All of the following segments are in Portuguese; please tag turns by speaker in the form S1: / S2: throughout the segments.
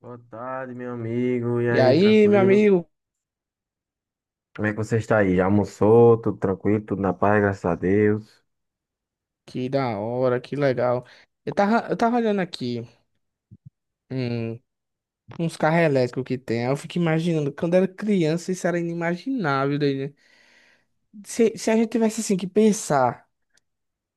S1: Boa tarde, meu amigo. E
S2: E
S1: aí,
S2: aí, meu
S1: tranquilo?
S2: amigo,
S1: Como é que você está aí? Já almoçou? Tudo tranquilo? Tudo na paz, graças a Deus.
S2: que da hora, que legal. Eu tava olhando aqui, hum, uns carros elétricos que tem. Aí Eu fico imaginando, quando era criança, isso era inimaginável. Daí, né? Se a gente tivesse assim que pensar,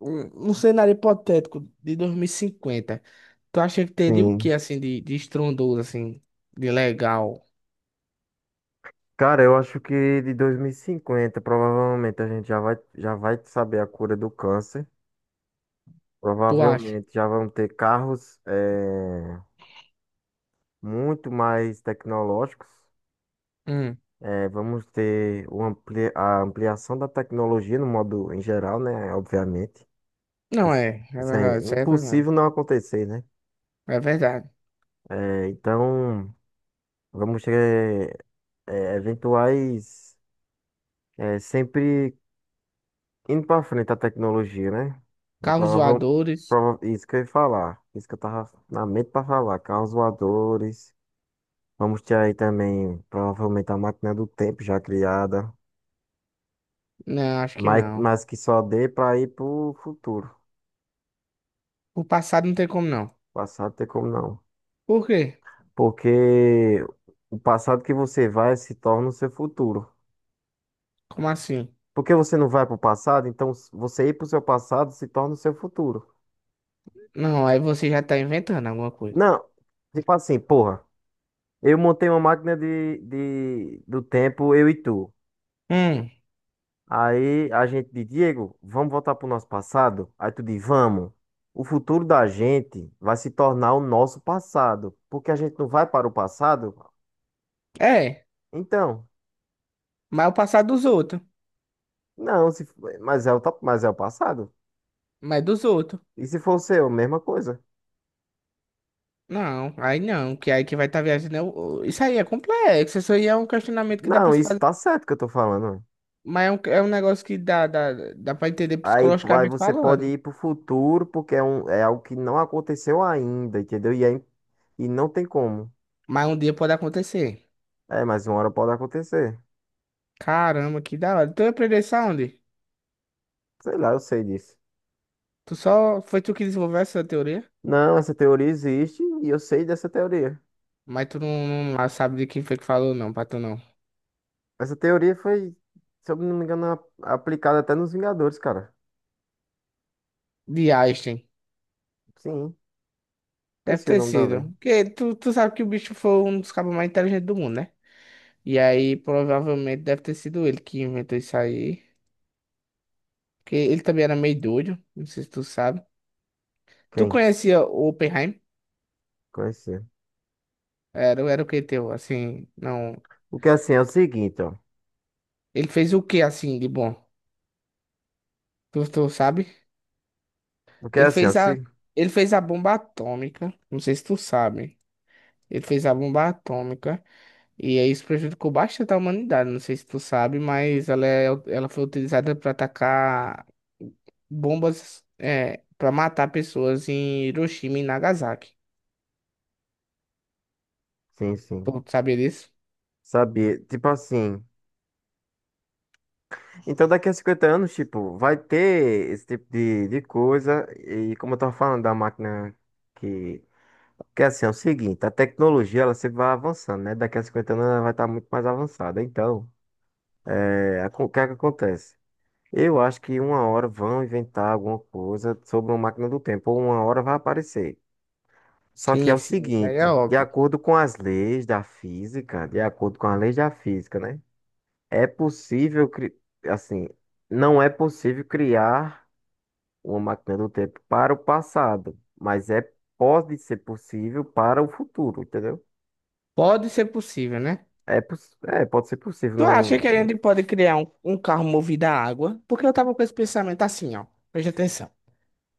S2: um cenário hipotético de 2050, tu acha que teria o que
S1: Sim.
S2: assim de estrondoso, assim, de legal?
S1: Cara, eu acho que de 2050 provavelmente a gente já vai saber a cura do câncer.
S2: Tu acha?
S1: Provavelmente já vão ter carros muito mais tecnológicos.
S2: Hum.
S1: Vamos ter o a ampliação da tecnologia no modo em geral, né? Obviamente.
S2: Não
S1: Isso,
S2: é, é
S1: isso é
S2: verdade, isso aí é
S1: impossível
S2: verdade.
S1: não acontecer, né?
S2: É verdade.
S1: Então. Vamos ter eventuais é sempre indo para frente a tecnologia, né? E
S2: Carros
S1: prova,
S2: voadores?
S1: prova, isso que eu ia falar, isso que eu tava na mente para falar, carros voadores. Vamos ter aí também provavelmente a máquina do tempo já criada,
S2: Não, acho que
S1: mas,
S2: não.
S1: mas que só dê para ir pro futuro.
S2: O passado não tem como não.
S1: Passado tem como não,
S2: Por quê?
S1: porque o passado que você vai se torna o seu futuro.
S2: Como assim?
S1: Porque você não vai pro passado, então você ir pro seu passado se torna o seu futuro.
S2: Não, aí você já tá inventando alguma coisa.
S1: Não, tipo assim, porra, eu montei uma máquina do tempo, eu e tu.
S2: Hum,
S1: Aí a gente diz, Diego, vamos voltar pro nosso passado? Aí tu diz, vamos. O futuro da gente vai se tornar o nosso passado, porque a gente não vai para o passado?
S2: é.
S1: Então,
S2: Mas é o passado dos outros.
S1: não, se, f- mas é o, mas é o passado.
S2: Mas é dos outros.
S1: E se for o seu, mesma coisa.
S2: Não, aí não, que aí que vai estar tá viajando. Isso aí é complexo. Isso aí é um questionamento que dá pra
S1: Não,
S2: se
S1: isso
S2: fazer.
S1: tá certo que eu tô falando.
S2: Mas é é um negócio que dá pra entender
S1: Aí, aí
S2: psicologicamente
S1: você pode
S2: falando.
S1: ir pro futuro, porque é algo que não aconteceu ainda, entendeu? E e não tem como.
S2: Mas um dia pode acontecer.
S1: É, mas uma hora pode acontecer.
S2: Caramba, que da hora. Tu aprendeu isso aonde?
S1: Sei lá, eu sei disso.
S2: Tu só. Foi tu que desenvolveu essa teoria?
S1: Não, essa teoria existe e eu sei dessa teoria.
S2: Mas tu não, não sabe de quem foi que falou, não, pra tu não.
S1: Essa teoria foi, se eu não me engano, aplicada até nos Vingadores, cara.
S2: De Einstein.
S1: Sim,
S2: Deve
S1: esqueci o
S2: ter
S1: nome da
S2: sido.
S1: lei.
S2: Porque tu sabe que o bicho foi um dos cabos mais inteligentes do mundo, né? E aí, provavelmente, deve ter sido ele que inventou isso aí. Porque ele também era meio doido, não sei se tu sabe. Tu
S1: Quem?
S2: conhecia o Oppenheim?
S1: Conhecia.
S2: Era, era o que teu, assim, não...
S1: O que é assim é o seguinte, ó.
S2: Ele fez o que, assim, de bom? Tu sabe?
S1: O que é
S2: Ele
S1: assim, ó.
S2: fez a...
S1: Se...
S2: Ele fez a bomba atômica, não sei se tu sabe. Ele fez a bomba atômica. E aí isso prejudicou bastante a humanidade. Não sei se tu sabe, mas ela, é, ela foi utilizada para atacar bombas é, para matar pessoas em Hiroshima e Nagasaki.
S1: Sim,
S2: Tu
S1: sim.
S2: sabia disso?
S1: Sabia. Tipo assim. Então, daqui a 50 anos, tipo, vai ter esse tipo de coisa. E como eu tava falando da máquina que. Que é assim, é o seguinte, a tecnologia ela sempre vai avançando, né? Daqui a 50 anos ela vai estar muito mais avançada. Então, é, o que é que acontece? Eu acho que uma hora vão inventar alguma coisa sobre uma máquina do tempo, ou uma hora vai aparecer. Só que é
S2: Sim,
S1: o
S2: sim, isso aí é
S1: seguinte,
S2: óbvio.
S1: de acordo com as leis da física, né? É possível, assim, não é possível criar uma máquina do tempo para o passado, mas é pode ser possível para o futuro, entendeu?
S2: Pode ser possível, né?
S1: É, é pode ser possível.
S2: Tu acha
S1: Não,
S2: que a
S1: não-
S2: gente pode criar um carro movido a água? Porque eu tava com esse pensamento assim, ó. Preste atenção.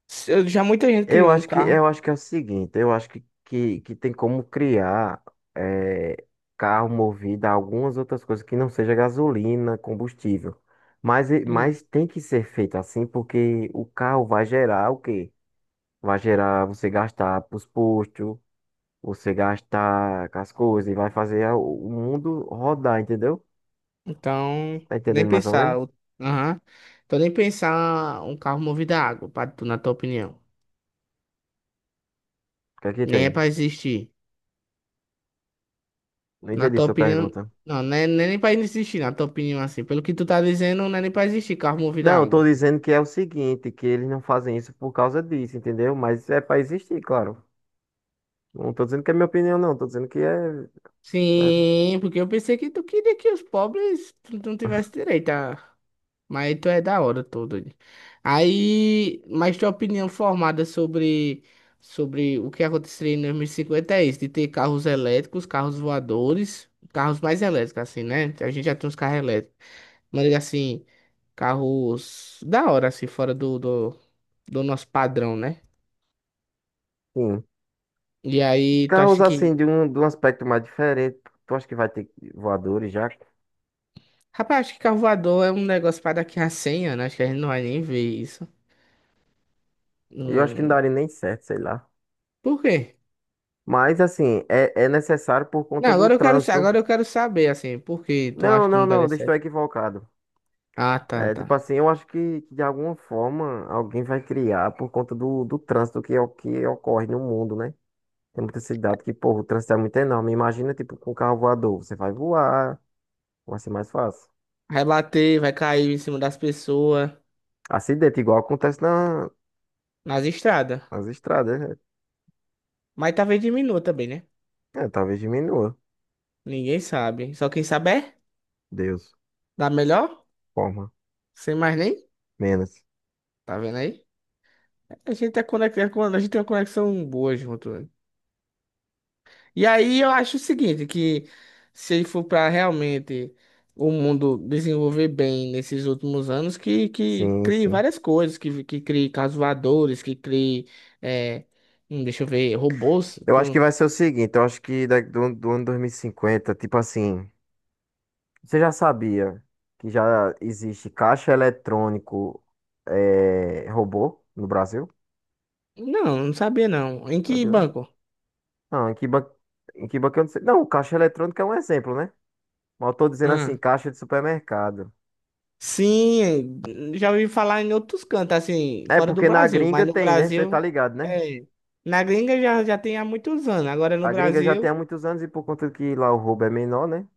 S2: Já muita gente criou um carro.
S1: Eu acho que é o seguinte, eu acho que que tem como criar eh, carro movido a algumas outras coisas que não seja gasolina, combustível. Mas, mas tem que ser feito assim porque o carro vai gerar o quê? Vai gerar você gastar para os postos, você gasta com as coisas e vai fazer o mundo rodar, entendeu?
S2: Então,
S1: Tá
S2: nem
S1: entendendo mais ou menos?
S2: pensar. Aham. Então, nem pensar um carro movido a água, pra tu, na tua opinião.
S1: O que é que
S2: Nem
S1: tem?
S2: é pra existir.
S1: Não
S2: Na
S1: entendi
S2: tua
S1: sua
S2: opinião.
S1: pergunta.
S2: Não, não é, não é nem pra existir, na tua opinião, assim. Pelo que tu tá dizendo, não é nem pra existir carro movido a
S1: Não, eu tô
S2: água.
S1: dizendo que é o seguinte, que eles não fazem isso por causa disso, entendeu? Mas é pra existir, claro. Não tô dizendo que é minha opinião, não. Tô dizendo que é... é,
S2: Sim, porque eu pensei que tu queria que os pobres tu não tivesse direito a. Mas tu é da hora todo. Aí, mas tua opinião formada sobre o que aconteceria em 2050 é isso, de ter carros elétricos, carros voadores, carros mais elétricos, assim, né? A gente já tem uns carros elétricos. Mas assim, carros da hora, assim, do nosso padrão, né?
S1: sim.
S2: E aí, tu
S1: Carros,
S2: acha
S1: assim,
S2: que.
S1: de um aspecto mais diferente. Tu acha que vai ter voadores já?
S2: Rapaz, acho que carro voador é um negócio para daqui a 100 anos. Acho que a gente não vai nem ver isso.
S1: Eu acho que não
S2: Não...
S1: daria nem certo, sei lá.
S2: Por quê?
S1: Mas, assim, é necessário por
S2: Não,
S1: conta do
S2: agora eu quero,
S1: trânsito.
S2: agora eu quero saber, assim, por que tu
S1: Não,
S2: acha que
S1: não,
S2: não
S1: não.
S2: daria
S1: Deixa eu Estou
S2: certo?
S1: equivocado.
S2: Ah, tá,
S1: É,
S2: tá.
S1: tipo assim, eu acho que de alguma forma alguém vai criar por conta do trânsito que é o que ocorre no mundo, né? Tem muita cidade que, porra, o trânsito é muito enorme. Imagina, tipo, com um carro voador, você vai voar, vai ser mais fácil.
S2: Vai bater, vai cair em cima das pessoas,
S1: Acidente, igual acontece
S2: nas estradas.
S1: nas estradas, né?
S2: Mas talvez diminua também, né?
S1: É, talvez diminua.
S2: Ninguém sabe. Só quem sabe é,
S1: Deus,
S2: dá melhor,
S1: forma,
S2: sem mais nem.
S1: menos.
S2: Tá vendo aí? A gente é conectado, a gente tem uma conexão boa junto, né? E aí eu acho o seguinte, que se ele for para realmente o mundo desenvolver bem nesses últimos anos, que
S1: Sim,
S2: crie
S1: sim.
S2: várias coisas, que crie carros voadores, que crie, é, deixa eu ver, robôs.
S1: Eu acho que vai ser o seguinte, eu acho que daqui do ano 2050, tipo assim. Você já sabia que já existe caixa eletrônico robô no Brasil?
S2: Não, não sabia não. Em que
S1: Sabia não?
S2: banco?
S1: Não, em que banco eu não sei. Não, caixa eletrônica é um exemplo, né? Mas eu tô dizendo assim,
S2: Ah,
S1: caixa de supermercado.
S2: sim, já ouvi falar em outros cantos, assim,
S1: É
S2: fora do
S1: porque na
S2: Brasil,
S1: gringa
S2: mas no
S1: tem, né? Você tá
S2: Brasil,
S1: ligado, né?
S2: é, na gringa já tem há muitos anos, agora no
S1: A gringa já tem há
S2: Brasil...
S1: muitos anos e por conta que lá o roubo é menor, né?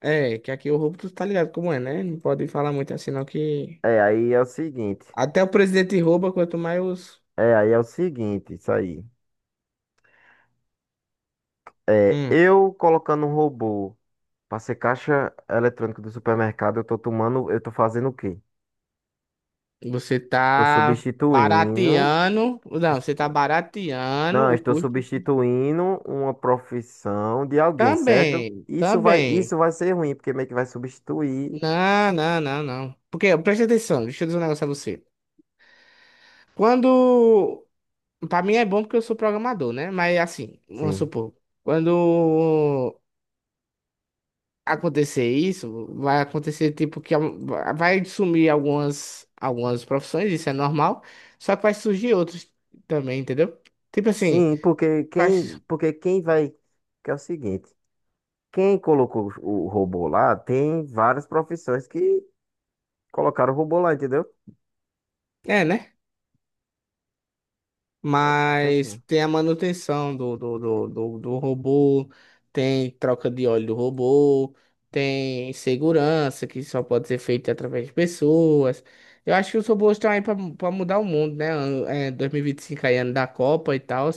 S2: É, que aqui o roubo tu tá ligado como é, né? Não pode falar muito assim, não, que.
S1: É, aí é o seguinte.
S2: Até o presidente rouba, quanto mais os.
S1: É, aí é o seguinte, isso aí. É,
S2: Hum,
S1: eu colocando um robô pra ser caixa eletrônica do supermercado, eu tô tomando, eu tô fazendo o quê?
S2: você
S1: Estou
S2: tá
S1: substituindo.
S2: barateando. Não, você tá barateando
S1: Não,
S2: o
S1: estou
S2: custo.
S1: substituindo uma profissão de alguém, certo?
S2: Também, também.
S1: Isso vai ser ruim, porque meio que vai substituir.
S2: Não, não, não, não. Porque, presta atenção, deixa eu dizer um negócio a você. Quando. Pra mim é bom porque eu sou programador, né? Mas assim, vamos
S1: Sim.
S2: supor. Quando acontecer isso, vai acontecer tipo que vai sumir algumas profissões, isso é normal, só que vai surgir outras também, entendeu? Tipo assim,
S1: Sim,
S2: caixa-
S1: porque quem vai. Que é o seguinte, quem colocou o robô lá tem várias profissões que colocaram o robô lá, entendeu?
S2: é, né?
S1: É, tá certo,
S2: Mas
S1: né?
S2: tem a manutenção do robô, tem troca de óleo do robô, tem segurança que só pode ser feita através de pessoas. Eu acho que os robôs estão aí para mudar o mundo, né? É, 2025 aí, ano da Copa e tal.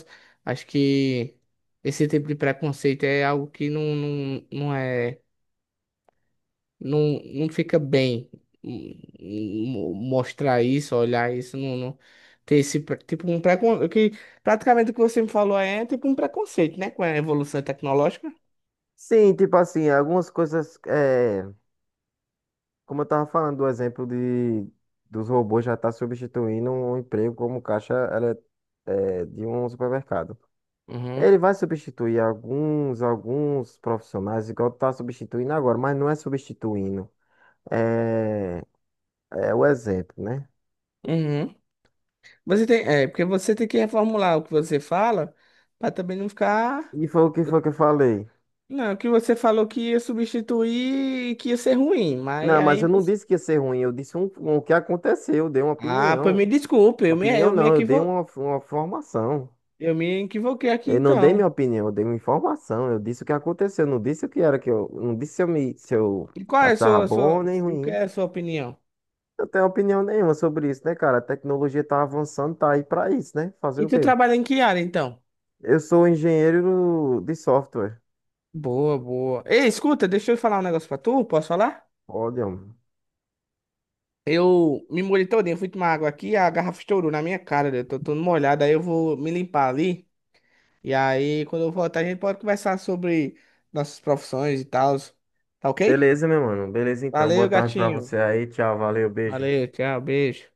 S2: Acho que esse tipo de preconceito é algo que não é não fica bem hum, mostrar isso, olhar isso, ter esse tipo um preconceito, que praticamente o que você me falou aí é tipo um preconceito, né, com a evolução tecnológica.
S1: Sim, tipo assim, algumas coisas. É, como eu estava falando do exemplo de, dos robôs já estar substituindo um emprego como é, de um supermercado.
S2: Uhum,
S1: Ele vai substituir alguns, alguns profissionais, igual está substituindo agora, mas não é substituindo. É, é o exemplo, né?
S2: uhum. Você tem, é, porque você tem que reformular o que você fala para também não ficar.
S1: E foi o que foi que eu falei.
S2: Não, o que você falou que ia substituir e que ia ser ruim, mas
S1: Não, mas
S2: aí
S1: eu não
S2: você...
S1: disse que ia ser ruim, eu disse o que aconteceu, eu dei uma
S2: Ah, pois me
S1: opinião.
S2: desculpe,
S1: Opinião
S2: eu me
S1: não, eu dei
S2: equivo...
S1: uma formação.
S2: eu me equivoquei aqui
S1: Eu não dei
S2: então.
S1: minha opinião, eu dei uma informação. Eu disse o que aconteceu, não disse o que era que eu, não disse se eu me, se eu
S2: E qual é a
S1: achava bom nem
S2: o que
S1: ruim.
S2: é a sua opinião?
S1: Eu tenho opinião nenhuma sobre isso, né, cara? A tecnologia tá avançando, tá aí pra isso, né? Fazer
S2: E
S1: o
S2: tu
S1: quê?
S2: trabalha em que área, então?
S1: Eu sou engenheiro de software.
S2: Boa, boa. Ei, escuta, deixa eu falar um negócio pra tu, posso falar?
S1: Olha, mano.
S2: Eu me molhei todinho, fui tomar água aqui, a garrafa estourou na minha cara, eu tô todo molhado, aí eu vou me limpar ali. E aí, quando eu voltar, a gente pode conversar sobre nossas profissões e tal. Tá ok?
S1: Beleza, meu mano. Beleza, então. Boa
S2: Valeu,
S1: tarde pra
S2: gatinho.
S1: você aí. Tchau, valeu, beijo.
S2: Valeu, tchau, beijo.